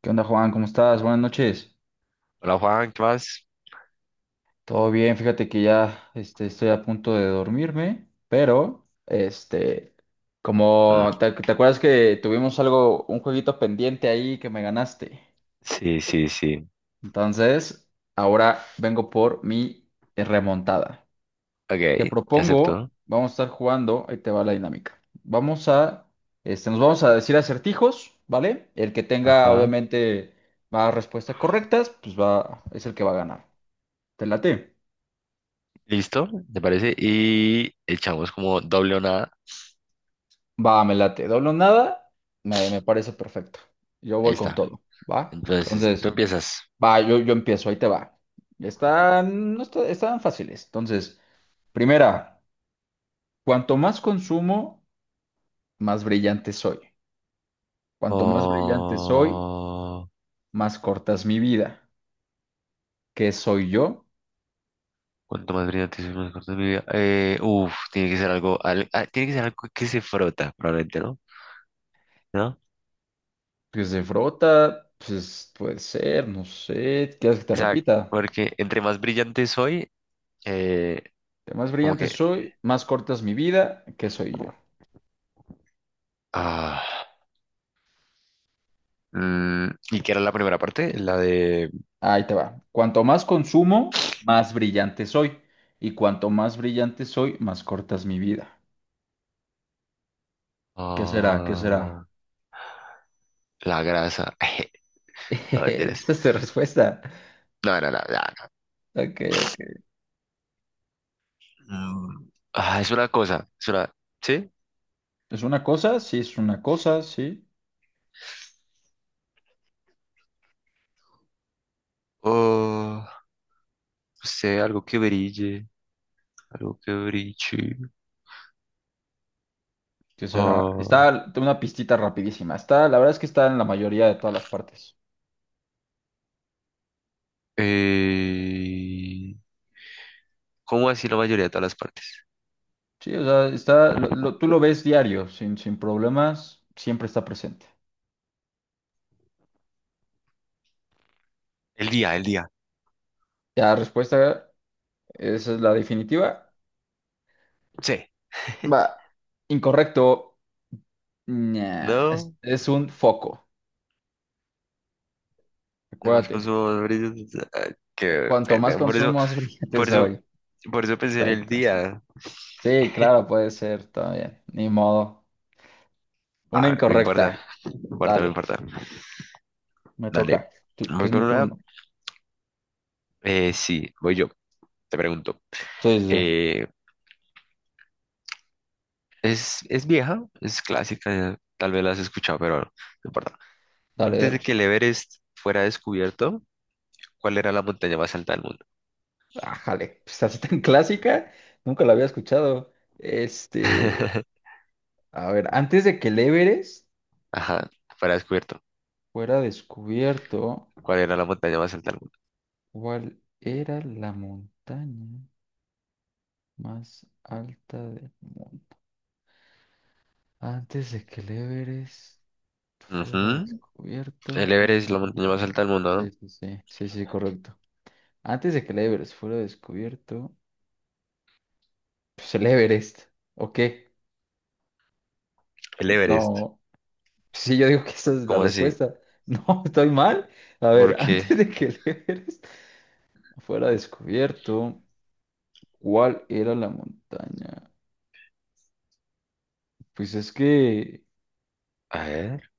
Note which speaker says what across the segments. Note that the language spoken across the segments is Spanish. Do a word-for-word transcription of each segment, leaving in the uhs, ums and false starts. Speaker 1: ¿Qué onda, Juan? ¿Cómo estás? Buenas noches.
Speaker 2: Hola Juan, ¿qué más?
Speaker 1: Todo bien, fíjate que ya este, estoy a punto de dormirme, pero este,
Speaker 2: Mm,
Speaker 1: como te, te acuerdas que tuvimos algo, un jueguito pendiente ahí que me ganaste.
Speaker 2: sí, sí, sí.
Speaker 1: Entonces, ahora vengo por mi remontada. Te
Speaker 2: Ok, te
Speaker 1: propongo,
Speaker 2: acepto.
Speaker 1: vamos a estar jugando, ahí te va la dinámica. Vamos a, este, nos vamos a decir acertijos, ¿vale? El que tenga,
Speaker 2: Ajá.
Speaker 1: obviamente, más respuestas correctas, pues va, es el que va a ganar. ¿Te late?
Speaker 2: ¿Listo? ¿Te parece? Y echamos como doble o nada.
Speaker 1: Va, me late. Doble o nada, me, me parece perfecto. Yo
Speaker 2: Ahí
Speaker 1: voy con
Speaker 2: está.
Speaker 1: todo, ¿va?
Speaker 2: Entonces, tú
Speaker 1: Entonces,
Speaker 2: empiezas.
Speaker 1: va, yo, yo empiezo, ahí te va. Están, no está- Están fáciles. Entonces, primera, cuanto más consumo, más brillante soy. Cuanto más brillante soy,
Speaker 2: Oh,
Speaker 1: más cortas mi vida. ¿Qué soy yo?
Speaker 2: cuánto más brillante es más corto de mi vida. Eh, uf, tiene que ser algo, al- ah, tiene que ser algo que se frota, probablemente, ¿no? ¿No?
Speaker 1: Pues de frota, pues puede ser, no sé. ¿Quieres que te
Speaker 2: O sea,
Speaker 1: repita?
Speaker 2: porque entre más brillante soy, eh,
Speaker 1: Cuanto más
Speaker 2: como
Speaker 1: brillante
Speaker 2: que,
Speaker 1: soy, más cortas mi vida. ¿Qué soy yo?
Speaker 2: ah, mm, ¿y qué era la primera parte? La de,
Speaker 1: Ahí te va. Cuanto más consumo, más brillante soy. Y cuanto más brillante soy, más corta es mi vida. ¿Qué será? ¿Qué será?
Speaker 2: ah. La grasa. No, mentiras.
Speaker 1: Esa es tu respuesta.
Speaker 2: No, no, no, no,
Speaker 1: Ok, ok.
Speaker 2: no. Mm, ah, es una cosa. Es una. ¿Sí?
Speaker 1: ¿Es una cosa? Sí, es una cosa, sí.
Speaker 2: O. No sé, algo que brille. Algo que brille.
Speaker 1: ¿Qué será?
Speaker 2: Ah,
Speaker 1: Está, tengo una pistita rapidísima. Está, la verdad es que está en la mayoría de todas las partes.
Speaker 2: eh, ¿Cómo así la mayoría de todas las partes?
Speaker 1: Sí, o sea, está, lo- lo- tú lo ves diario, sin, sin problemas, siempre está presente.
Speaker 2: El día, el día.
Speaker 1: Ya respuesta, esa es la definitiva.
Speaker 2: Sí.
Speaker 1: Va. Incorrecto. Ña,
Speaker 2: No.
Speaker 1: es, es un foco,
Speaker 2: Además,
Speaker 1: acuérdate.
Speaker 2: consumo más brillos. Ah,
Speaker 1: eh,
Speaker 2: qué
Speaker 1: Cuanto más
Speaker 2: pendejo. Por eso,
Speaker 1: consumo, más brillante
Speaker 2: por eso,
Speaker 1: soy.
Speaker 2: por eso pensé en el
Speaker 1: Exacto.
Speaker 2: día.
Speaker 1: Sí, claro, puede ser, está bien. Ni modo. Una
Speaker 2: Ah, no
Speaker 1: incorrecta.
Speaker 2: importa. No importa, no
Speaker 1: Dale,
Speaker 2: importa.
Speaker 1: me
Speaker 2: Dale.
Speaker 1: toca. Sí,
Speaker 2: Voy
Speaker 1: es mi
Speaker 2: con una.
Speaker 1: turno.
Speaker 2: Eh, sí, voy yo. Te pregunto.
Speaker 1: Sí, sí, sí.
Speaker 2: Eh, es, es vieja, es clásica, tal vez la has escuchado, pero no importa.
Speaker 1: Dale,
Speaker 2: Antes de
Speaker 1: dale.
Speaker 2: que el Everest fuera descubierto, ¿cuál era la montaña más alta del mundo?
Speaker 1: Ájale, pues así tan clásica, nunca la había escuchado. Este, a ver, antes de que el Everest
Speaker 2: Ajá, fuera descubierto.
Speaker 1: fuera descubierto,
Speaker 2: ¿Cuál era la montaña más alta del mundo?
Speaker 1: ¿cuál era la montaña más alta del mundo? Antes de que el Everest fuera
Speaker 2: Ujú,
Speaker 1: descubierto,
Speaker 2: el
Speaker 1: ¿cuál
Speaker 2: Everest es la
Speaker 1: era la
Speaker 2: montaña más
Speaker 1: montaña?
Speaker 2: alta del mundo,
Speaker 1: Sí,
Speaker 2: ¿no?
Speaker 1: sí, sí, sí, sí, correcto. Antes de que el Everest fuera descubierto, pues el Everest, ¿o qué?
Speaker 2: El Everest,
Speaker 1: No, sí, yo digo que esa es la
Speaker 2: ¿cómo así?
Speaker 1: respuesta. No, estoy mal. A ver,
Speaker 2: Porque,
Speaker 1: antes de que el Everest fuera descubierto, ¿cuál era la montaña? Pues es que...
Speaker 2: a ver.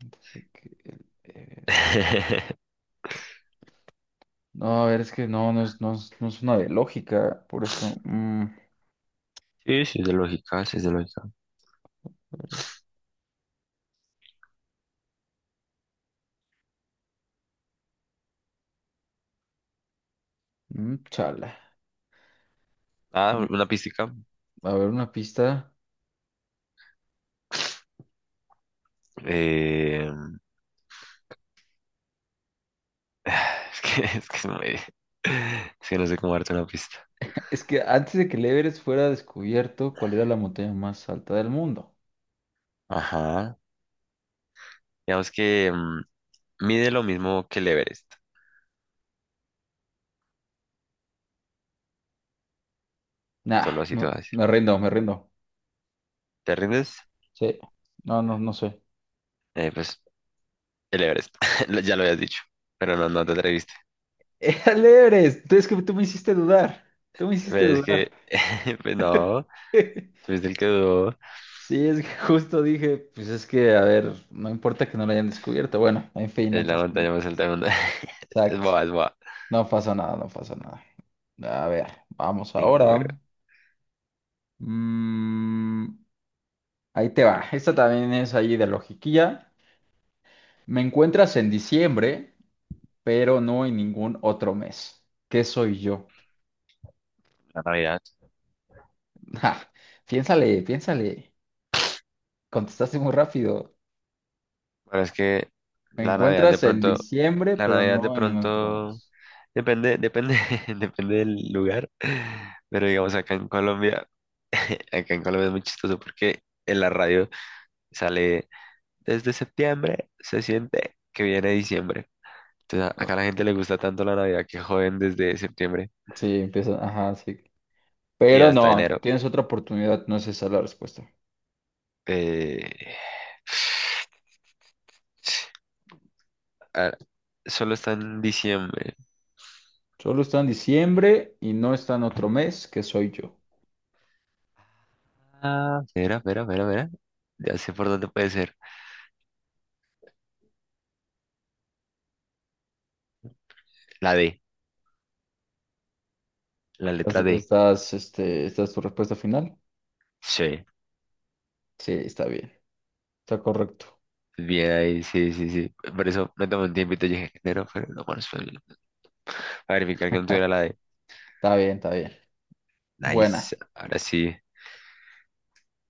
Speaker 1: antes de que el Everest- no, a ver, es que no, no, es- no, es- no es una de lógica, por eso... mm.
Speaker 2: Sí, sí, es de lógica, sí, es de lógica.
Speaker 1: Mm, chala.
Speaker 2: Ah,
Speaker 1: Mm,
Speaker 2: una pista.
Speaker 1: a ver, una pista.
Speaker 2: Eh, es que, es que es muy- es que no sé cómo darte una pista.
Speaker 1: Es que antes de que el Everest fuera descubierto, ¿cuál era la montaña más alta del mundo?
Speaker 2: Ajá. Digamos que mm, mide lo mismo que el Everest,
Speaker 1: Nah,
Speaker 2: solo así
Speaker 1: no,
Speaker 2: te voy a decir.
Speaker 1: me rindo, me rindo.
Speaker 2: ¿Te rindes?
Speaker 1: Sí. No, no, no sé.
Speaker 2: Eh, pues el Everest, lo- ya lo habías dicho, pero no, no te atreviste.
Speaker 1: Era el Everest. Tú- Es que tú me hiciste dudar. Tú me
Speaker 2: Pero
Speaker 1: hiciste
Speaker 2: es
Speaker 1: dudar.
Speaker 2: que, pues no, tuviste el que dudó,
Speaker 1: Sí, es que justo dije, pues es que, a ver, no importa que no lo hayan descubierto. Bueno, en fin, no
Speaker 2: es la
Speaker 1: pasa nada.
Speaker 2: montaña más alta del mundo. Es
Speaker 1: Exacto.
Speaker 2: boba, es boba.
Speaker 1: No pasa nada, no pasa nada. A ver, vamos ahora.
Speaker 2: Ninguna-
Speaker 1: Mm, ahí te va. Esta también es ahí de logiquilla. Me encuentras en diciembre, pero no en ningún otro mes. ¿Qué soy yo?
Speaker 2: La Navidad.
Speaker 1: Ja, piénsale, piénsale. Contestaste muy rápido.
Speaker 2: Bueno, es que
Speaker 1: Me
Speaker 2: la Navidad de
Speaker 1: encuentras en
Speaker 2: pronto,
Speaker 1: diciembre,
Speaker 2: la
Speaker 1: pero
Speaker 2: Navidad de
Speaker 1: no en ningún otro
Speaker 2: pronto,
Speaker 1: mes.
Speaker 2: depende, depende, depende del lugar, pero digamos acá en Colombia, acá en Colombia es muy chistoso porque en la radio sale... Desde septiembre se siente que viene diciembre. Entonces, a- acá
Speaker 1: No,
Speaker 2: a la gente le gusta tanto la Navidad que joden desde septiembre
Speaker 1: sí, empieza. Ajá, sí.
Speaker 2: y
Speaker 1: Pero
Speaker 2: hasta
Speaker 1: no,
Speaker 2: enero.
Speaker 1: tienes otra oportunidad. No es esa la respuesta.
Speaker 2: Eh, ah, solo está en diciembre.
Speaker 1: Solo está en diciembre y no está en otro mes, que soy yo.
Speaker 2: Ah, mira, mira, mira, mira. Ya sé por dónde puede ser. La D, la
Speaker 1: ¿Estás,
Speaker 2: letra D.
Speaker 1: estás, este, esta es tu respuesta final?
Speaker 2: Sí.
Speaker 1: Sí, está bien. Está correcto.
Speaker 2: Bien ahí, sí, sí, sí. Por eso me tomé un tiempito y dije enero, pero no, bueno, espera, no. A verificar que no tuviera la D.
Speaker 1: Está bien, está bien.
Speaker 2: Nice.
Speaker 1: Buena.
Speaker 2: Ahora sí.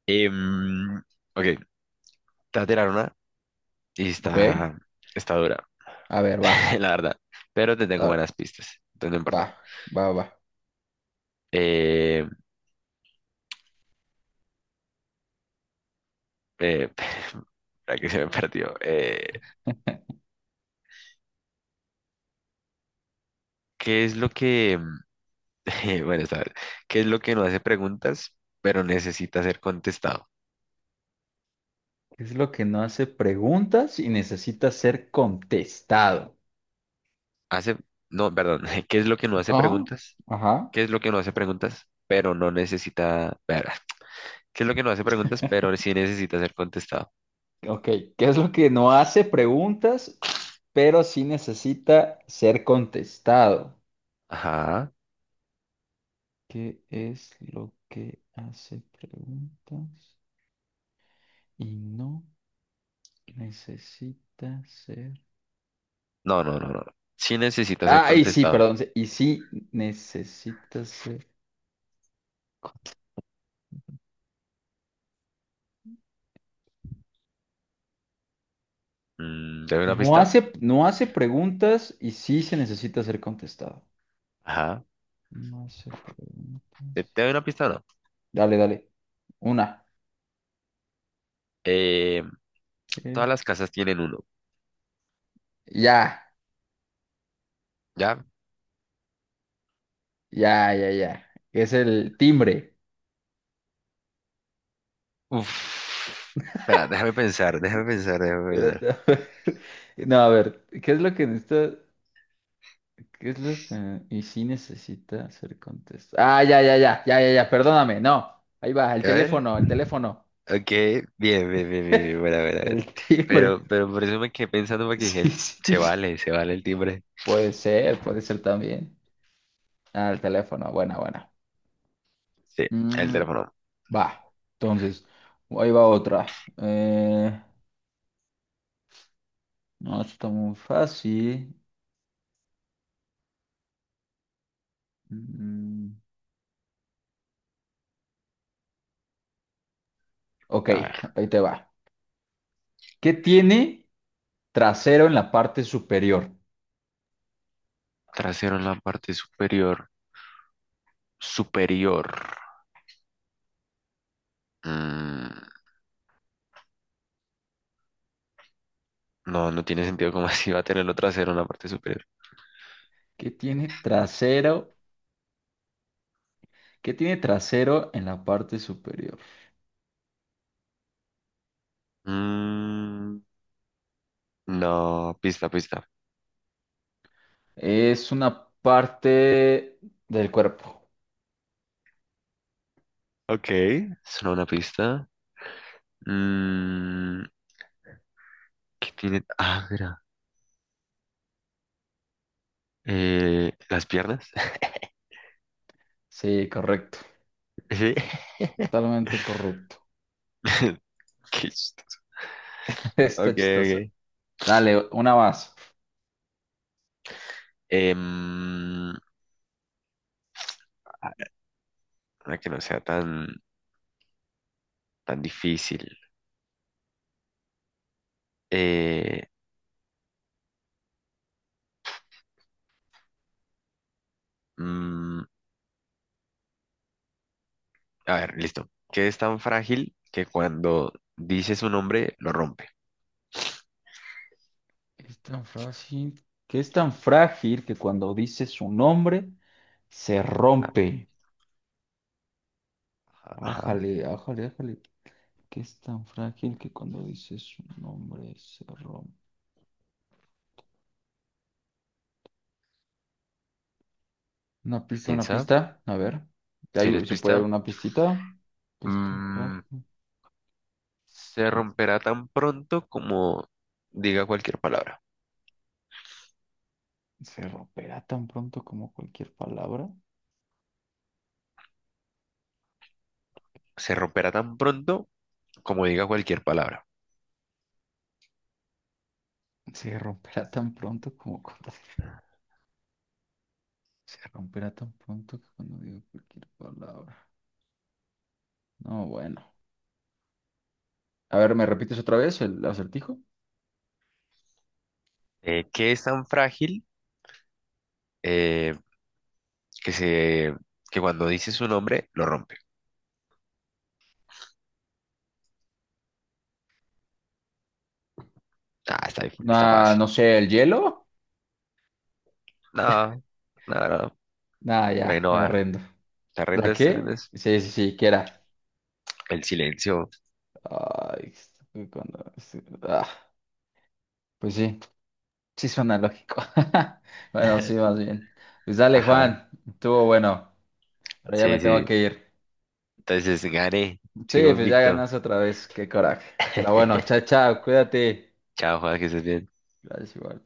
Speaker 2: Em, ok, te voy a tirar una y
Speaker 1: Ok.
Speaker 2: está, está dura.
Speaker 1: A ver, va.
Speaker 2: La verdad. Pero te
Speaker 1: A
Speaker 2: tengo
Speaker 1: ver,
Speaker 2: buenas pistas, entonces no
Speaker 1: va,
Speaker 2: importa.
Speaker 1: va, va.
Speaker 2: Eh, eh, para que se me perdió. Eh, ¿qué es lo que, eh, bueno, esta vez, ¿qué es lo que no hace preguntas, pero necesita ser contestado?
Speaker 1: ¿Qué es lo que no hace preguntas y necesita ser contestado?
Speaker 2: Hace, no, perdón, ¿qué es lo que no hace
Speaker 1: Ajá.
Speaker 2: preguntas?
Speaker 1: Ajá.
Speaker 2: ¿Qué es lo que no hace preguntas, pero no necesita, ver, ¿qué es lo que no hace preguntas, pero sí necesita ser contestado?
Speaker 1: Ok. ¿Qué es lo que no hace preguntas, pero sí necesita ser contestado?
Speaker 2: Ajá.
Speaker 1: ¿Qué es lo que hace preguntas y no necesita ser...
Speaker 2: No, no, no, no, no. Sí necesita ser
Speaker 1: Ah, y sí,
Speaker 2: contestado.
Speaker 1: perdón. Sí, y sí necesita ser.
Speaker 2: Mm, ¿te doy una
Speaker 1: No
Speaker 2: pista?
Speaker 1: hace, no hace preguntas y sí se necesita ser contestado.
Speaker 2: Ajá.
Speaker 1: No hace
Speaker 2: ¿Te,
Speaker 1: preguntas.
Speaker 2: te doy una pista o no?
Speaker 1: Dale, dale. Una.
Speaker 2: Eh, Todas
Speaker 1: Ok.
Speaker 2: las casas tienen uno,
Speaker 1: Ya,
Speaker 2: ¿ya?
Speaker 1: ya, ya, ya. Es el timbre.
Speaker 2: Uf. Espera, déjame pensar, déjame pensar, déjame pensar.
Speaker 1: Espérate, a ver. No, a ver, ¿qué es lo que necesita? ¿Qué es lo que... y sí necesita ser contestado. Ah, ya, ya, ya, ya, ya, ya, perdóname, no. Ahí va, el
Speaker 2: A ver.
Speaker 1: teléfono, el teléfono.
Speaker 2: Ok, bien, bien, bien, bien, bien, bueno, bueno, bueno.
Speaker 1: El timbre.
Speaker 2: Pero, pero por eso me quedé pensando porque dije, el-
Speaker 1: Sí,
Speaker 2: se
Speaker 1: sí.
Speaker 2: vale, se vale el timbre.
Speaker 1: Puede ser, puede ser también. Ah, el teléfono, buena, buena.
Speaker 2: Sí, el
Speaker 1: Mm,
Speaker 2: teléfono.
Speaker 1: va, entonces, ahí va otra. Eh, no, esto está muy fácil. Mm, ok,
Speaker 2: A ver.
Speaker 1: ahí te va. ¿Qué tiene trasero en la parte superior?
Speaker 2: Trasero en la parte superior. Superior. Mm, no, no tiene sentido como así va a tenerlo trasero en la parte superior.
Speaker 1: ¿Qué tiene trasero? ¿Qué tiene trasero en la parte superior?
Speaker 2: Mm, no, pista, pista.
Speaker 1: Es una parte del cuerpo.
Speaker 2: Ok, suena una pista. Mm, ¿Qué tiene? Ah, mira. Eh, las piernas.
Speaker 1: Sí, correcto.
Speaker 2: Sí.
Speaker 1: Totalmente correcto.
Speaker 2: Qué chistoso. Ok,
Speaker 1: Está chistosa.
Speaker 2: ok.
Speaker 1: Dale, una más.
Speaker 2: Em, a- una que no sea tan, tan difícil. Eh, mm, a ver, listo. ¿Qué es tan frágil que cuando dices un nombre lo rompe?
Speaker 1: Es tan frágil, que es tan frágil que cuando dice su nombre se
Speaker 2: Ajá,
Speaker 1: rompe.
Speaker 2: ajá, ajá.
Speaker 1: Ájale, ájale, ájale. Que es tan frágil que cuando dice su nombre se rompe. Una pista, una
Speaker 2: Piensa.
Speaker 1: pista. A ver. ¿Hay-
Speaker 2: ¿Quieres
Speaker 1: ¿Se puede dar
Speaker 2: pista?
Speaker 1: una pistita? Que es tan
Speaker 2: Mm,
Speaker 1: frágil.
Speaker 2: se
Speaker 1: Y
Speaker 2: romperá tan pronto como diga cualquier palabra.
Speaker 1: se romperá tan pronto como cualquier palabra.
Speaker 2: Se romperá tan pronto como diga cualquier palabra.
Speaker 1: Se romperá tan pronto como cuando... se romperá tan pronto que cuando digo cualquier palabra. No, bueno. A ver, ¿me repites otra vez el acertijo?
Speaker 2: Eh, ¿qué es tan frágil? Eh, que se, que cuando dice su nombre, lo rompe. Ah, está, está
Speaker 1: Una,
Speaker 2: fácil.
Speaker 1: no sé, el hielo.
Speaker 2: No, no, no,
Speaker 1: Nah,
Speaker 2: por ahí
Speaker 1: ya,
Speaker 2: no
Speaker 1: me
Speaker 2: va.
Speaker 1: rindo.
Speaker 2: ¿Te
Speaker 1: ¿La
Speaker 2: rindes? ¿Te
Speaker 1: qué?
Speaker 2: rindes?
Speaker 1: Sí, sí, sí, ¿qué era?
Speaker 2: El silencio.
Speaker 1: Ay, cuando- ah, pues sí, sí suena lógico. Bueno, sí, más bien. Pues dale,
Speaker 2: Ajá.
Speaker 1: Juan, estuvo bueno. Ahora ya me
Speaker 2: Sí,
Speaker 1: tengo
Speaker 2: sí.
Speaker 1: que ir.
Speaker 2: Entonces, gané.
Speaker 1: Sí,
Speaker 2: Sigo
Speaker 1: pues ya
Speaker 2: invicto.
Speaker 1: ganaste otra vez, qué coraje. Pero bueno, chao, chao, cuídate.
Speaker 2: Chao, Juan, que estés bien.
Speaker 1: Gracias, igual.